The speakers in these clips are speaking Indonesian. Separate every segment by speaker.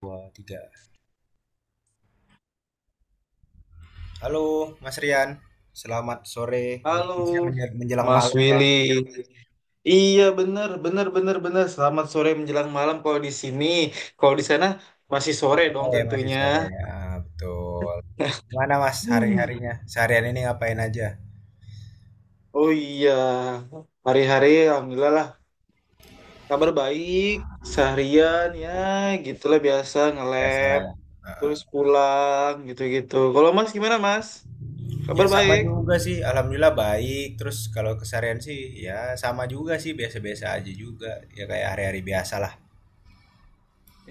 Speaker 1: Dua, tiga. Halo, Mas Rian. Selamat sore. Mungkin masih
Speaker 2: Halo,
Speaker 1: menjelang
Speaker 2: Mas
Speaker 1: malam ya.
Speaker 2: Willy. Iya, bener, bener, bener, bener. Selamat sore menjelang malam kalau di sini. Kalau di sana masih sore dong
Speaker 1: Sore, masih
Speaker 2: tentunya.
Speaker 1: sore. Ah, betul. Mana Mas
Speaker 2: Hmm.
Speaker 1: hari-harinya? Seharian ini ngapain aja?
Speaker 2: Oh iya, hari-hari alhamdulillah lah. Kabar baik, seharian ya gitulah biasa
Speaker 1: Ya, salah
Speaker 2: nge-lab,
Speaker 1: ya. Ah,
Speaker 2: terus pulang gitu-gitu. Kalau Mas gimana, Mas? Kabar
Speaker 1: ya sama
Speaker 2: baik?
Speaker 1: juga sih, alhamdulillah baik. Terus kalau keseharian sih ya sama juga sih, biasa-biasa aja juga. Ya kayak hari-hari biasa lah.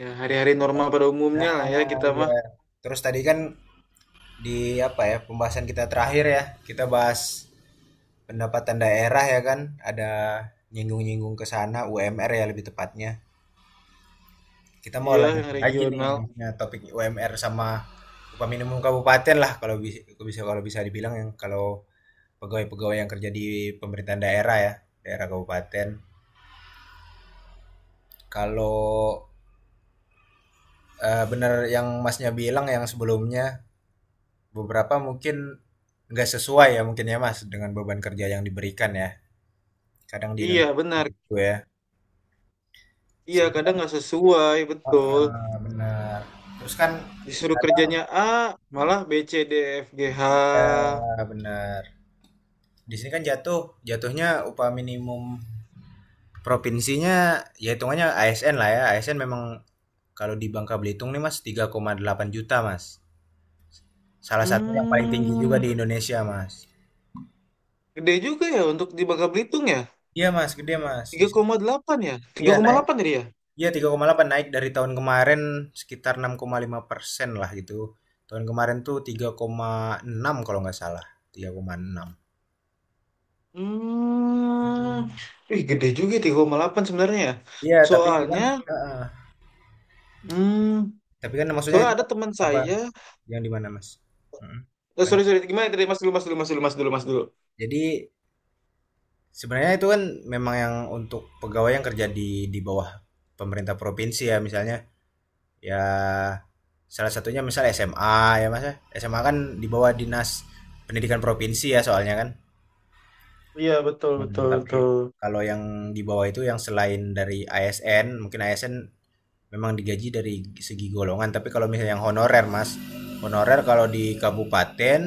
Speaker 2: Ya hari-hari normal pada umumnya
Speaker 1: Ah,
Speaker 2: lah ya
Speaker 1: ah,
Speaker 2: kita
Speaker 1: ya.
Speaker 2: mah.
Speaker 1: Terus tadi kan di apa ya pembahasan kita terakhir ya, kita bahas pendapatan daerah ya kan, ada nyinggung-nyinggung ke sana UMR ya lebih tepatnya. Kita mau
Speaker 2: Iya,
Speaker 1: lanjut
Speaker 2: yang
Speaker 1: lagi nih
Speaker 2: regional.
Speaker 1: ya, topik UMR sama upah minimum kabupaten lah kalau bisa bisa kalau bisa dibilang yang kalau pegawai-pegawai yang kerja di pemerintahan daerah ya, daerah kabupaten. Kalau bener yang Masnya bilang yang sebelumnya beberapa mungkin nggak sesuai ya mungkin ya Mas dengan beban kerja yang diberikan ya. Kadang di
Speaker 2: Iya,
Speaker 1: Indonesia
Speaker 2: benar.
Speaker 1: itu ya.
Speaker 2: Iya, kadang
Speaker 1: Sebenarnya
Speaker 2: nggak sesuai, betul.
Speaker 1: benar. Terus kan.
Speaker 2: Disuruh kerjanya A, malah B, C, D, F, G, H.
Speaker 1: Ah, benar. Di sini kan jatuhnya upah minimum provinsinya ya hitungannya ASN lah ya. ASN memang kalau di Bangka Belitung nih Mas 3,8 juta Mas. Salah satu yang paling tinggi juga
Speaker 2: Hmm,
Speaker 1: di Indonesia Mas.
Speaker 2: gede juga ya untuk di Bangka Belitung ya.
Speaker 1: Iya Mas, gede Mas. Di
Speaker 2: Tiga
Speaker 1: sini
Speaker 2: koma delapan ya?
Speaker 1: iya naik.
Speaker 2: 3,8 tadi ya?
Speaker 1: Iya 3,8 naik dari tahun kemarin sekitar 6,5% lah gitu. Tahun kemarin tuh 3,6 kalau nggak salah. 3,6.
Speaker 2: Hmm,
Speaker 1: Hmm.
Speaker 2: Ih, gede juga ya 3,8 sebenarnya ya.
Speaker 1: Iya, tapi itu kan
Speaker 2: Soalnya,
Speaker 1: eh, eh.
Speaker 2: hmm,
Speaker 1: tapi kan maksudnya
Speaker 2: soalnya
Speaker 1: itu
Speaker 2: ada teman
Speaker 1: apa,
Speaker 2: saya.
Speaker 1: yang di mana, Mas? Mhm.
Speaker 2: Sorry,
Speaker 1: Lanjut.
Speaker 2: sorry, gimana tadi? Mas dulu, mas dulu, mas dulu, mas dulu, mas dulu.
Speaker 1: Jadi sebenarnya itu kan memang yang untuk pegawai yang kerja di bawah pemerintah provinsi ya misalnya. Ya salah satunya misal SMA ya, Mas ya. SMA kan di bawah Dinas Pendidikan Provinsi ya soalnya kan.
Speaker 2: Iya, betul,
Speaker 1: Mhm,
Speaker 2: betul,
Speaker 1: tapi
Speaker 2: betul.
Speaker 1: kalau yang di bawah itu yang selain dari ASN, mungkin ASN memang digaji dari segi golongan tapi kalau misalnya yang honorer mas, honorer kalau di kabupaten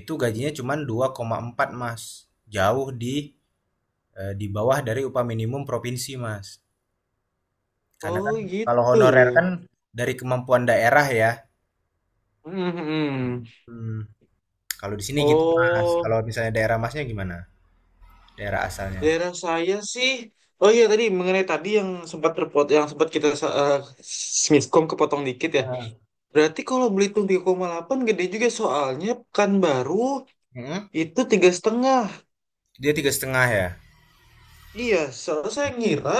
Speaker 1: itu gajinya cuma 2,4 mas, jauh di di bawah dari upah minimum provinsi mas karena
Speaker 2: Oh
Speaker 1: kan kalau
Speaker 2: gitu
Speaker 1: honorer
Speaker 2: ya.
Speaker 1: kan dari kemampuan daerah ya.
Speaker 2: Hmm, hmm, hmm.
Speaker 1: Hmm, kalau di sini gitu mas
Speaker 2: Oh.
Speaker 1: kalau misalnya daerah masnya gimana, daerah asalnya.
Speaker 2: Daerah saya sih. Oh iya, tadi mengenai tadi yang sempat kita eh, miskom, kepotong dikit ya.
Speaker 1: Ah.
Speaker 2: Berarti kalau Belitung 3,8 gede juga, soalnya Pekanbaru
Speaker 1: Mm-mm.
Speaker 2: itu tiga setengah.
Speaker 1: Dia tiga setengah ya.
Speaker 2: Iya, soalnya saya ngira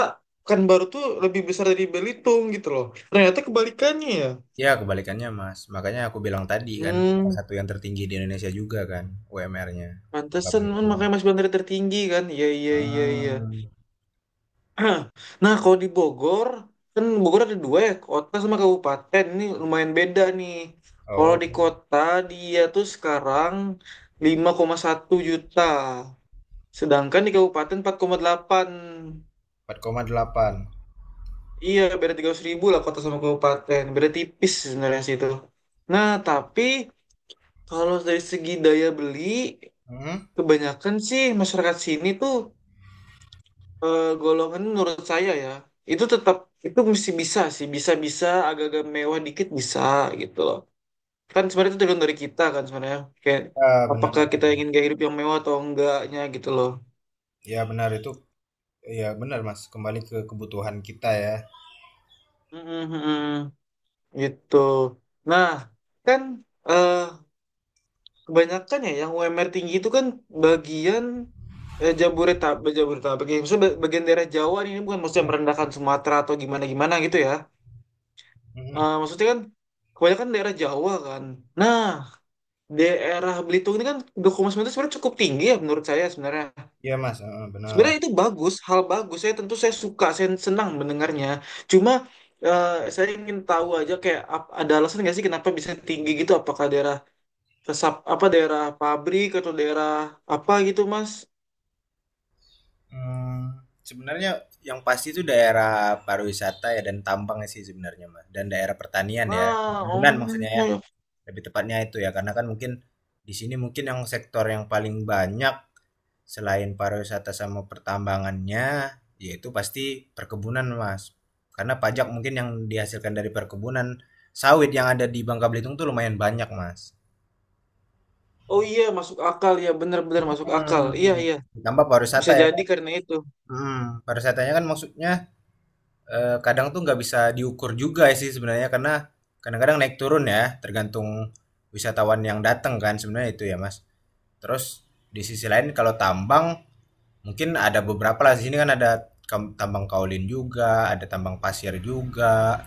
Speaker 2: Pekanbaru tuh lebih besar dari Belitung gitu loh. Ternyata kebalikannya ya.
Speaker 1: Ya, kebalikannya, Mas. Makanya aku bilang tadi kan, salah
Speaker 2: Hmm,
Speaker 1: satu yang tertinggi di Indonesia juga kan, UMR-nya. Berapa
Speaker 2: Pantesan,
Speaker 1: itu?
Speaker 2: makanya Mas Bandar tertinggi kan? Iya iya iya iya.
Speaker 1: Ah.
Speaker 2: Nah, kalau di Bogor, kan Bogor ada dua ya, kota sama kabupaten. Ini lumayan beda nih. Kalau
Speaker 1: Oh,
Speaker 2: di kota, dia tuh sekarang 5,1 juta. Sedangkan di kabupaten 4,8.
Speaker 1: 4,8.
Speaker 2: Iya, beda 300 ribu lah kota sama kabupaten. Beda tipis sebenarnya sih itu. Nah, tapi kalau dari segi daya beli,
Speaker 1: Mhm.
Speaker 2: kebanyakan sih masyarakat sini tuh, golongan menurut saya ya itu tetap, itu mesti bisa sih, bisa-bisa agak-agak mewah dikit bisa, gitu loh. Kan sebenarnya itu tergantung dari kita, kan sebenarnya kayak
Speaker 1: Ya,
Speaker 2: apakah
Speaker 1: benar.
Speaker 2: kita ingin gaya hidup yang mewah atau enggaknya gitu loh.
Speaker 1: Ya, benar itu. Ya, benar, Mas. Kembali ke kebutuhan kita ya.
Speaker 2: Mm-mm-mm. Gitu. Nah, kan eh kebanyakan ya yang UMR tinggi itu kan bagian, Jabodetabek, Jabodetabek ya. Maksudnya bagian daerah Jawa nih, ini bukan maksudnya
Speaker 1: Mhm.
Speaker 2: merendahkan Sumatera atau gimana-gimana gitu ya.
Speaker 1: Mhm.
Speaker 2: Maksudnya kan kebanyakan daerah Jawa kan. Nah, daerah Belitung ini kan dukungan itu sebenarnya cukup tinggi ya menurut saya sebenarnya.
Speaker 1: Iya, Mas. Heeh, benar.
Speaker 2: Sebenarnya itu bagus, hal bagus. Saya tentu saya suka, saya senang mendengarnya. Cuma saya ingin tahu aja, kayak ada alasan nggak sih kenapa bisa tinggi gitu? Apakah daerah resap apa daerah pabrik atau daerah apa gitu, Mas?
Speaker 1: Hmm, sebenarnya yang pasti itu daerah pariwisata ya dan tambang sih sebenarnya, Mas. Dan daerah pertanian ya.
Speaker 2: Nah,
Speaker 1: Perkebunan maksudnya ya.
Speaker 2: oh,
Speaker 1: Lebih tepatnya itu ya karena kan mungkin di sini mungkin yang sektor yang paling banyak selain pariwisata sama pertambangannya yaitu pasti perkebunan Mas karena pajak mungkin yang dihasilkan dari perkebunan sawit yang ada di Bangka Belitung tuh lumayan banyak Mas.
Speaker 2: oh iya, masuk akal ya, benar-benar masuk akal. Iya
Speaker 1: Hmm.
Speaker 2: iya,
Speaker 1: Ditambah pariwisata
Speaker 2: bisa
Speaker 1: ya.
Speaker 2: jadi karena itu.
Speaker 1: Pariwisatanya kan maksudnya kadang tuh nggak bisa diukur juga ya sih sebenarnya karena kadang-kadang naik turun ya tergantung wisatawan yang datang kan sebenarnya itu ya Mas. Terus di sisi lain kalau tambang mungkin ada beberapa lah di sini kan ada tambang kaolin juga, ada tambang pasir juga,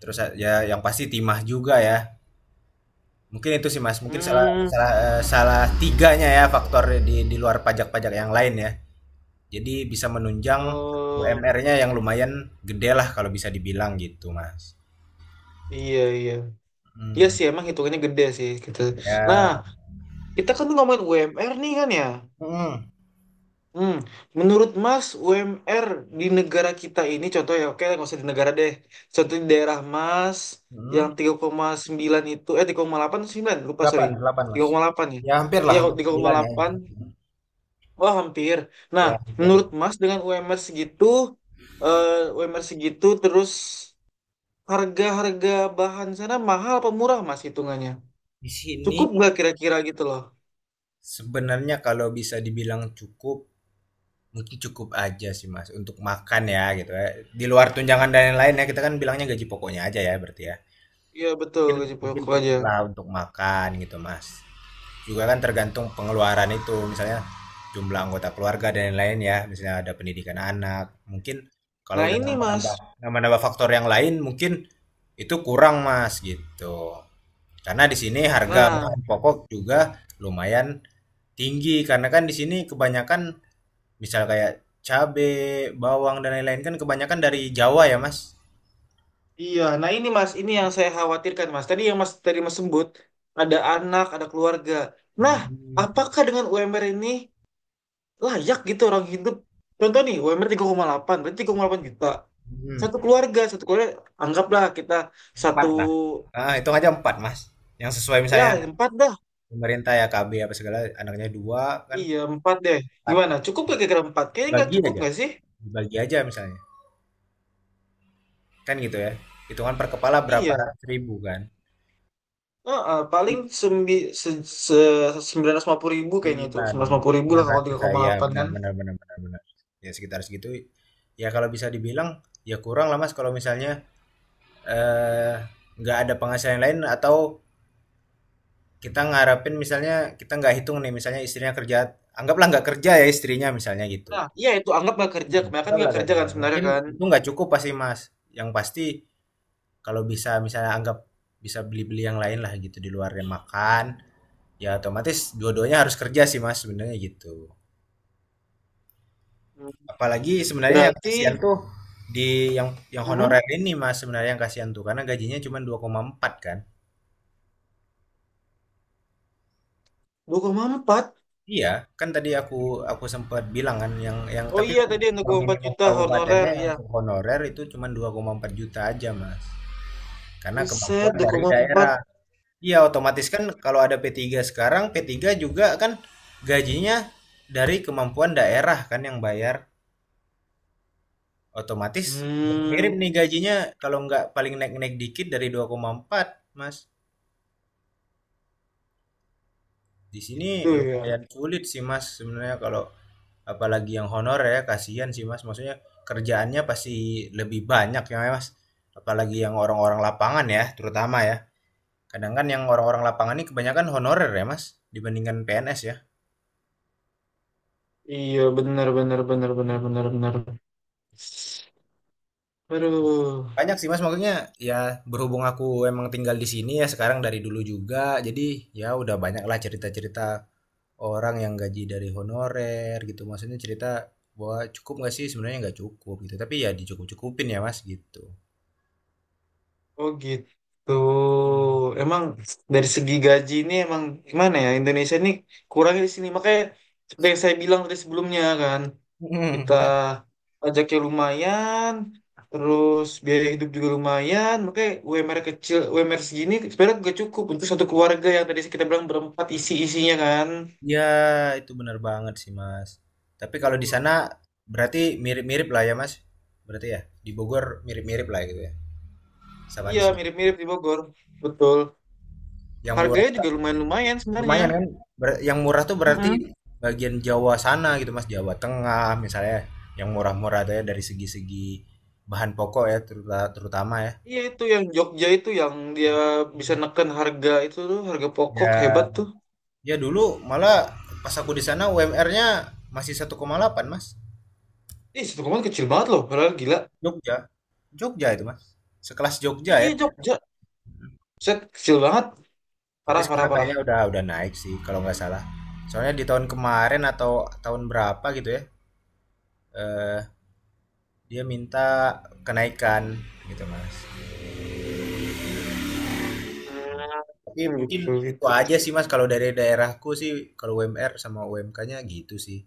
Speaker 1: terus ya yang pasti timah juga ya. Mungkin itu sih Mas, mungkin salah
Speaker 2: Hmm.
Speaker 1: salah eh, salah tiganya ya faktor di luar pajak-pajak yang lain ya. Jadi bisa menunjang
Speaker 2: Oh.
Speaker 1: UMR-nya yang lumayan gede lah kalau bisa dibilang gitu Mas.
Speaker 2: Iya, iya. Iya
Speaker 1: hmm
Speaker 2: sih, emang hitungannya gede sih gitu. Nah,
Speaker 1: Ya,
Speaker 2: kita kan ngomongin UMR nih kan ya.
Speaker 1: mhm
Speaker 2: Hmm, Menurut Mas, UMR di negara kita ini, contoh ya, oke nggak usah di negara deh. Contoh di daerah Mas,
Speaker 1: mhm,
Speaker 2: yang 3,9 itu, eh, 3,8 atau sembilan, lupa sorry.
Speaker 1: 8, 8,
Speaker 2: tiga
Speaker 1: Mas.
Speaker 2: koma delapan ya.
Speaker 1: Ya hampir lah
Speaker 2: Iya, kok,
Speaker 1: hampir
Speaker 2: tiga koma
Speaker 1: 9 ya.
Speaker 2: delapan Wah, hampir. Nah,
Speaker 1: Ya hampir lah.
Speaker 2: menurut Mas dengan UMR segitu, eh, UMR segitu, terus harga-harga bahan sana mahal apa murah Mas hitungannya?
Speaker 1: Di sini
Speaker 2: Cukup nggak kira-kira gitu loh?
Speaker 1: sebenarnya kalau bisa dibilang cukup, mungkin cukup aja sih, Mas, untuk makan ya gitu ya. Di luar tunjangan dan lain-lain ya, kita kan bilangnya gaji pokoknya aja ya berarti ya.
Speaker 2: Iya betul,
Speaker 1: Mungkin
Speaker 2: gaji
Speaker 1: mungkin
Speaker 2: pokok aja.
Speaker 1: cukup lah untuk makan gitu, Mas. Juga kan tergantung pengeluaran itu misalnya jumlah anggota keluarga dan lain-lain ya, misalnya ada pendidikan anak mungkin. Kalau
Speaker 2: Nah
Speaker 1: udah
Speaker 2: ini mas,
Speaker 1: nambah-nambah nambah-nambah faktor yang lain mungkin itu kurang mas gitu, karena di sini harga
Speaker 2: nah
Speaker 1: bahan pokok juga lumayan tinggi karena kan di sini kebanyakan misal kayak cabe bawang dan lain-lain kan kebanyakan dari Jawa ya mas.
Speaker 2: iya, nah ini mas, ini yang saya khawatirkan, mas. Tadi yang mas tadi mas sebut ada anak, ada keluarga. Nah,
Speaker 1: Hmm,
Speaker 2: apakah dengan UMR ini layak gitu orang hidup? Contoh nih, UMR delapan berarti 3,8 juta.
Speaker 1: hmm.
Speaker 2: Satu keluarga, anggaplah kita satu,
Speaker 1: Empat lah, hitung aja empat mas yang sesuai
Speaker 2: ya
Speaker 1: misalnya
Speaker 2: empat dah.
Speaker 1: pemerintah ya, KB apa segala anaknya dua kan,
Speaker 2: Iya, empat deh.
Speaker 1: empat.
Speaker 2: Gimana? Cukup gak kira-kira empat? Kayaknya nggak
Speaker 1: Bagi
Speaker 2: cukup
Speaker 1: aja
Speaker 2: nggak sih?
Speaker 1: Dibagi aja misalnya kan gitu ya, hitungan per kepala berapa
Speaker 2: Iya.
Speaker 1: ratus ribu kan,
Speaker 2: Heeh, paling sembi, se, se, 950 ribu kayaknya itu.
Speaker 1: bulan.
Speaker 2: 950 ribu
Speaker 1: Dengan
Speaker 2: lah kalau
Speaker 1: rasa
Speaker 2: tiga koma
Speaker 1: saya
Speaker 2: delapan
Speaker 1: benar
Speaker 2: kan.
Speaker 1: benar benar benar benar, ya sekitar segitu ya kalau bisa dibilang. Ya kurang lah mas kalau misalnya eh nggak ada penghasilan lain, atau kita ngarapin misalnya, kita nggak hitung nih misalnya istrinya kerja, anggaplah nggak kerja ya istrinya misalnya gitu.
Speaker 2: Nah, iya itu anggap nggak kerja.
Speaker 1: Hmm.
Speaker 2: Kebanyakan
Speaker 1: Enggak lah,
Speaker 2: nggak kerja kan
Speaker 1: enggak.
Speaker 2: sebenarnya
Speaker 1: Mungkin
Speaker 2: kan.
Speaker 1: itu nggak cukup pasti Mas. Yang pasti kalau bisa misalnya anggap bisa beli-beli yang lain lah gitu di luar yang makan, ya otomatis dua-duanya harus kerja sih mas sebenarnya gitu.
Speaker 2: Hmm.
Speaker 1: Apalagi sebenarnya yang
Speaker 2: Berarti
Speaker 1: kasihan tuh di yang
Speaker 2: hmm,
Speaker 1: honorer ini mas, sebenarnya yang kasihan tuh karena gajinya cuma dua koma empat kan.
Speaker 2: 2,4.
Speaker 1: Iya, kan tadi aku sempat bilang kan yang
Speaker 2: Oh
Speaker 1: tapi
Speaker 2: iya, tadi yang dua koma empat
Speaker 1: minimum
Speaker 2: juta
Speaker 1: kabupatennya
Speaker 2: honorer.
Speaker 1: yang
Speaker 2: Iya.
Speaker 1: untuk honorer itu cuma 2,4 juta aja mas, karena
Speaker 2: Buset
Speaker 1: kemampuan dari
Speaker 2: 2,4.
Speaker 1: daerah. Iya, otomatis kan kalau ada p tiga sekarang, p tiga juga kan gajinya dari kemampuan daerah kan yang bayar. Otomatis mirip
Speaker 2: Hmm,
Speaker 1: nih gajinya, kalau nggak paling naik-naik dikit dari 2,4, Mas. Di sini
Speaker 2: Gitu ya.
Speaker 1: lumayan sulit sih, Mas, sebenarnya kalau apalagi yang honor ya, kasihan sih, Mas. Maksudnya kerjaannya pasti lebih banyak ya, Mas. Apalagi yang orang-orang lapangan ya, terutama ya. Kadang kan yang orang-orang lapangan ini kebanyakan honorer ya, Mas, dibandingkan PNS ya.
Speaker 2: Iya benar benar benar benar benar benar. Aduh.
Speaker 1: Banyak sih Mas, maksudnya ya berhubung aku emang tinggal di sini ya sekarang dari dulu juga, jadi ya udah banyak lah cerita-cerita orang yang gaji dari honorer gitu. Maksudnya cerita bahwa cukup nggak sih? Sebenarnya nggak cukup gitu, tapi ya dicukup-cukupin ya Mas gitu.
Speaker 2: Oh gitu. Emang dari segi gaji ini, emang gimana ya Indonesia ini kurangnya di sini, makanya seperti yang saya bilang tadi sebelumnya kan kita pajaknya lumayan, terus biaya hidup juga lumayan, makanya UMR kecil, UMR segini sebenarnya gak cukup untuk satu keluarga yang tadi kita bilang berempat isi-isinya kan.
Speaker 1: Ya itu benar banget sih Mas. Tapi kalau di
Speaker 2: Betul.
Speaker 1: sana berarti mirip-mirip lah ya Mas. Berarti ya di Bogor mirip-mirip lah gitu ya sama di
Speaker 2: Iya
Speaker 1: sini.
Speaker 2: mirip-mirip di Bogor, betul.
Speaker 1: Yang murah.
Speaker 2: Harganya juga lumayan-lumayan sebenarnya.
Speaker 1: Lumayan kan? Yang murah tuh berarti
Speaker 2: Mm-mm.
Speaker 1: bagian Jawa sana gitu Mas, Jawa Tengah misalnya. Yang murah-murah tuh ya dari segi-segi bahan pokok ya terutama ya.
Speaker 2: Iya itu yang Jogja itu yang dia bisa neken harga itu tuh, harga pokok hebat
Speaker 1: Ya,
Speaker 2: tuh.
Speaker 1: ya dulu malah pas aku di sana UMR-nya masih 1,8 Mas.
Speaker 2: Ih, satu koma kecil banget loh, padahal gila.
Speaker 1: Jogja, Jogja itu Mas. Sekelas Jogja ya.
Speaker 2: Iya Jogja, set kecil banget,
Speaker 1: Tapi
Speaker 2: parah parah
Speaker 1: sekarang
Speaker 2: parah.
Speaker 1: kayaknya udah naik sih kalau nggak salah. Soalnya di tahun kemarin atau tahun berapa gitu ya, eh, dia minta kenaikan gitu Mas. Tapi
Speaker 2: Hmm,
Speaker 1: mungkin
Speaker 2: Gitu
Speaker 1: itu
Speaker 2: gitu.
Speaker 1: aja sih Mas kalau dari daerahku sih, kalau UMR sama UMK-nya gitu sih.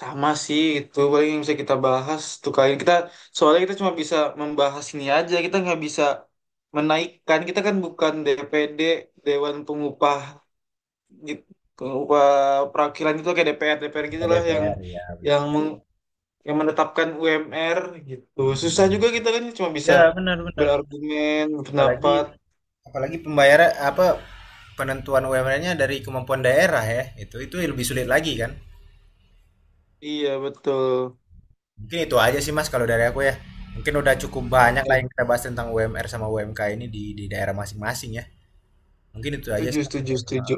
Speaker 2: Sama sih, itu paling yang bisa kita bahas tuh kali ini. Kita soalnya kita cuma bisa membahas ini aja, kita nggak bisa menaikkan, kita kan bukan DPD, Dewan Pengupah gitu, pengupah perwakilan itu kayak DPR DPR
Speaker 1: Ya
Speaker 2: gitulah
Speaker 1: DPR ya benar.
Speaker 2: yang meng yang menetapkan UMR gitu. Susah
Speaker 1: Mm.
Speaker 2: juga, kita kan cuma bisa
Speaker 1: Ya benar-benar.
Speaker 2: berargumen,
Speaker 1: Apalagi
Speaker 2: pendapat.
Speaker 1: apalagi pembayaran apa penentuan UMR-nya dari kemampuan daerah ya. Itu lebih sulit lagi kan.
Speaker 2: Iya, betul.
Speaker 1: Mungkin itu aja sih Mas kalau dari aku ya. Mungkin udah cukup banyak lah
Speaker 2: Oke.
Speaker 1: yang kita bahas tentang UMR sama UMK ini di daerah masing-masing ya. Mungkin itu aja
Speaker 2: Setuju,
Speaker 1: sih Mas,
Speaker 2: setuju,
Speaker 1: dari aku.
Speaker 2: setuju.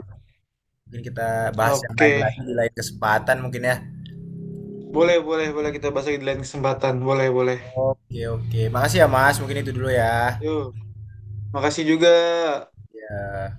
Speaker 1: Mungkin kita bahas yang lain
Speaker 2: Oke.
Speaker 1: lagi di lain kesempatan mungkin ya.
Speaker 2: Boleh, boleh, boleh kita bahas lagi di lain kesempatan. Boleh, boleh.
Speaker 1: Oke, oke. Makasih ya Mas. Mungkin itu dulu ya.
Speaker 2: Yuk, makasih juga.
Speaker 1: Ya.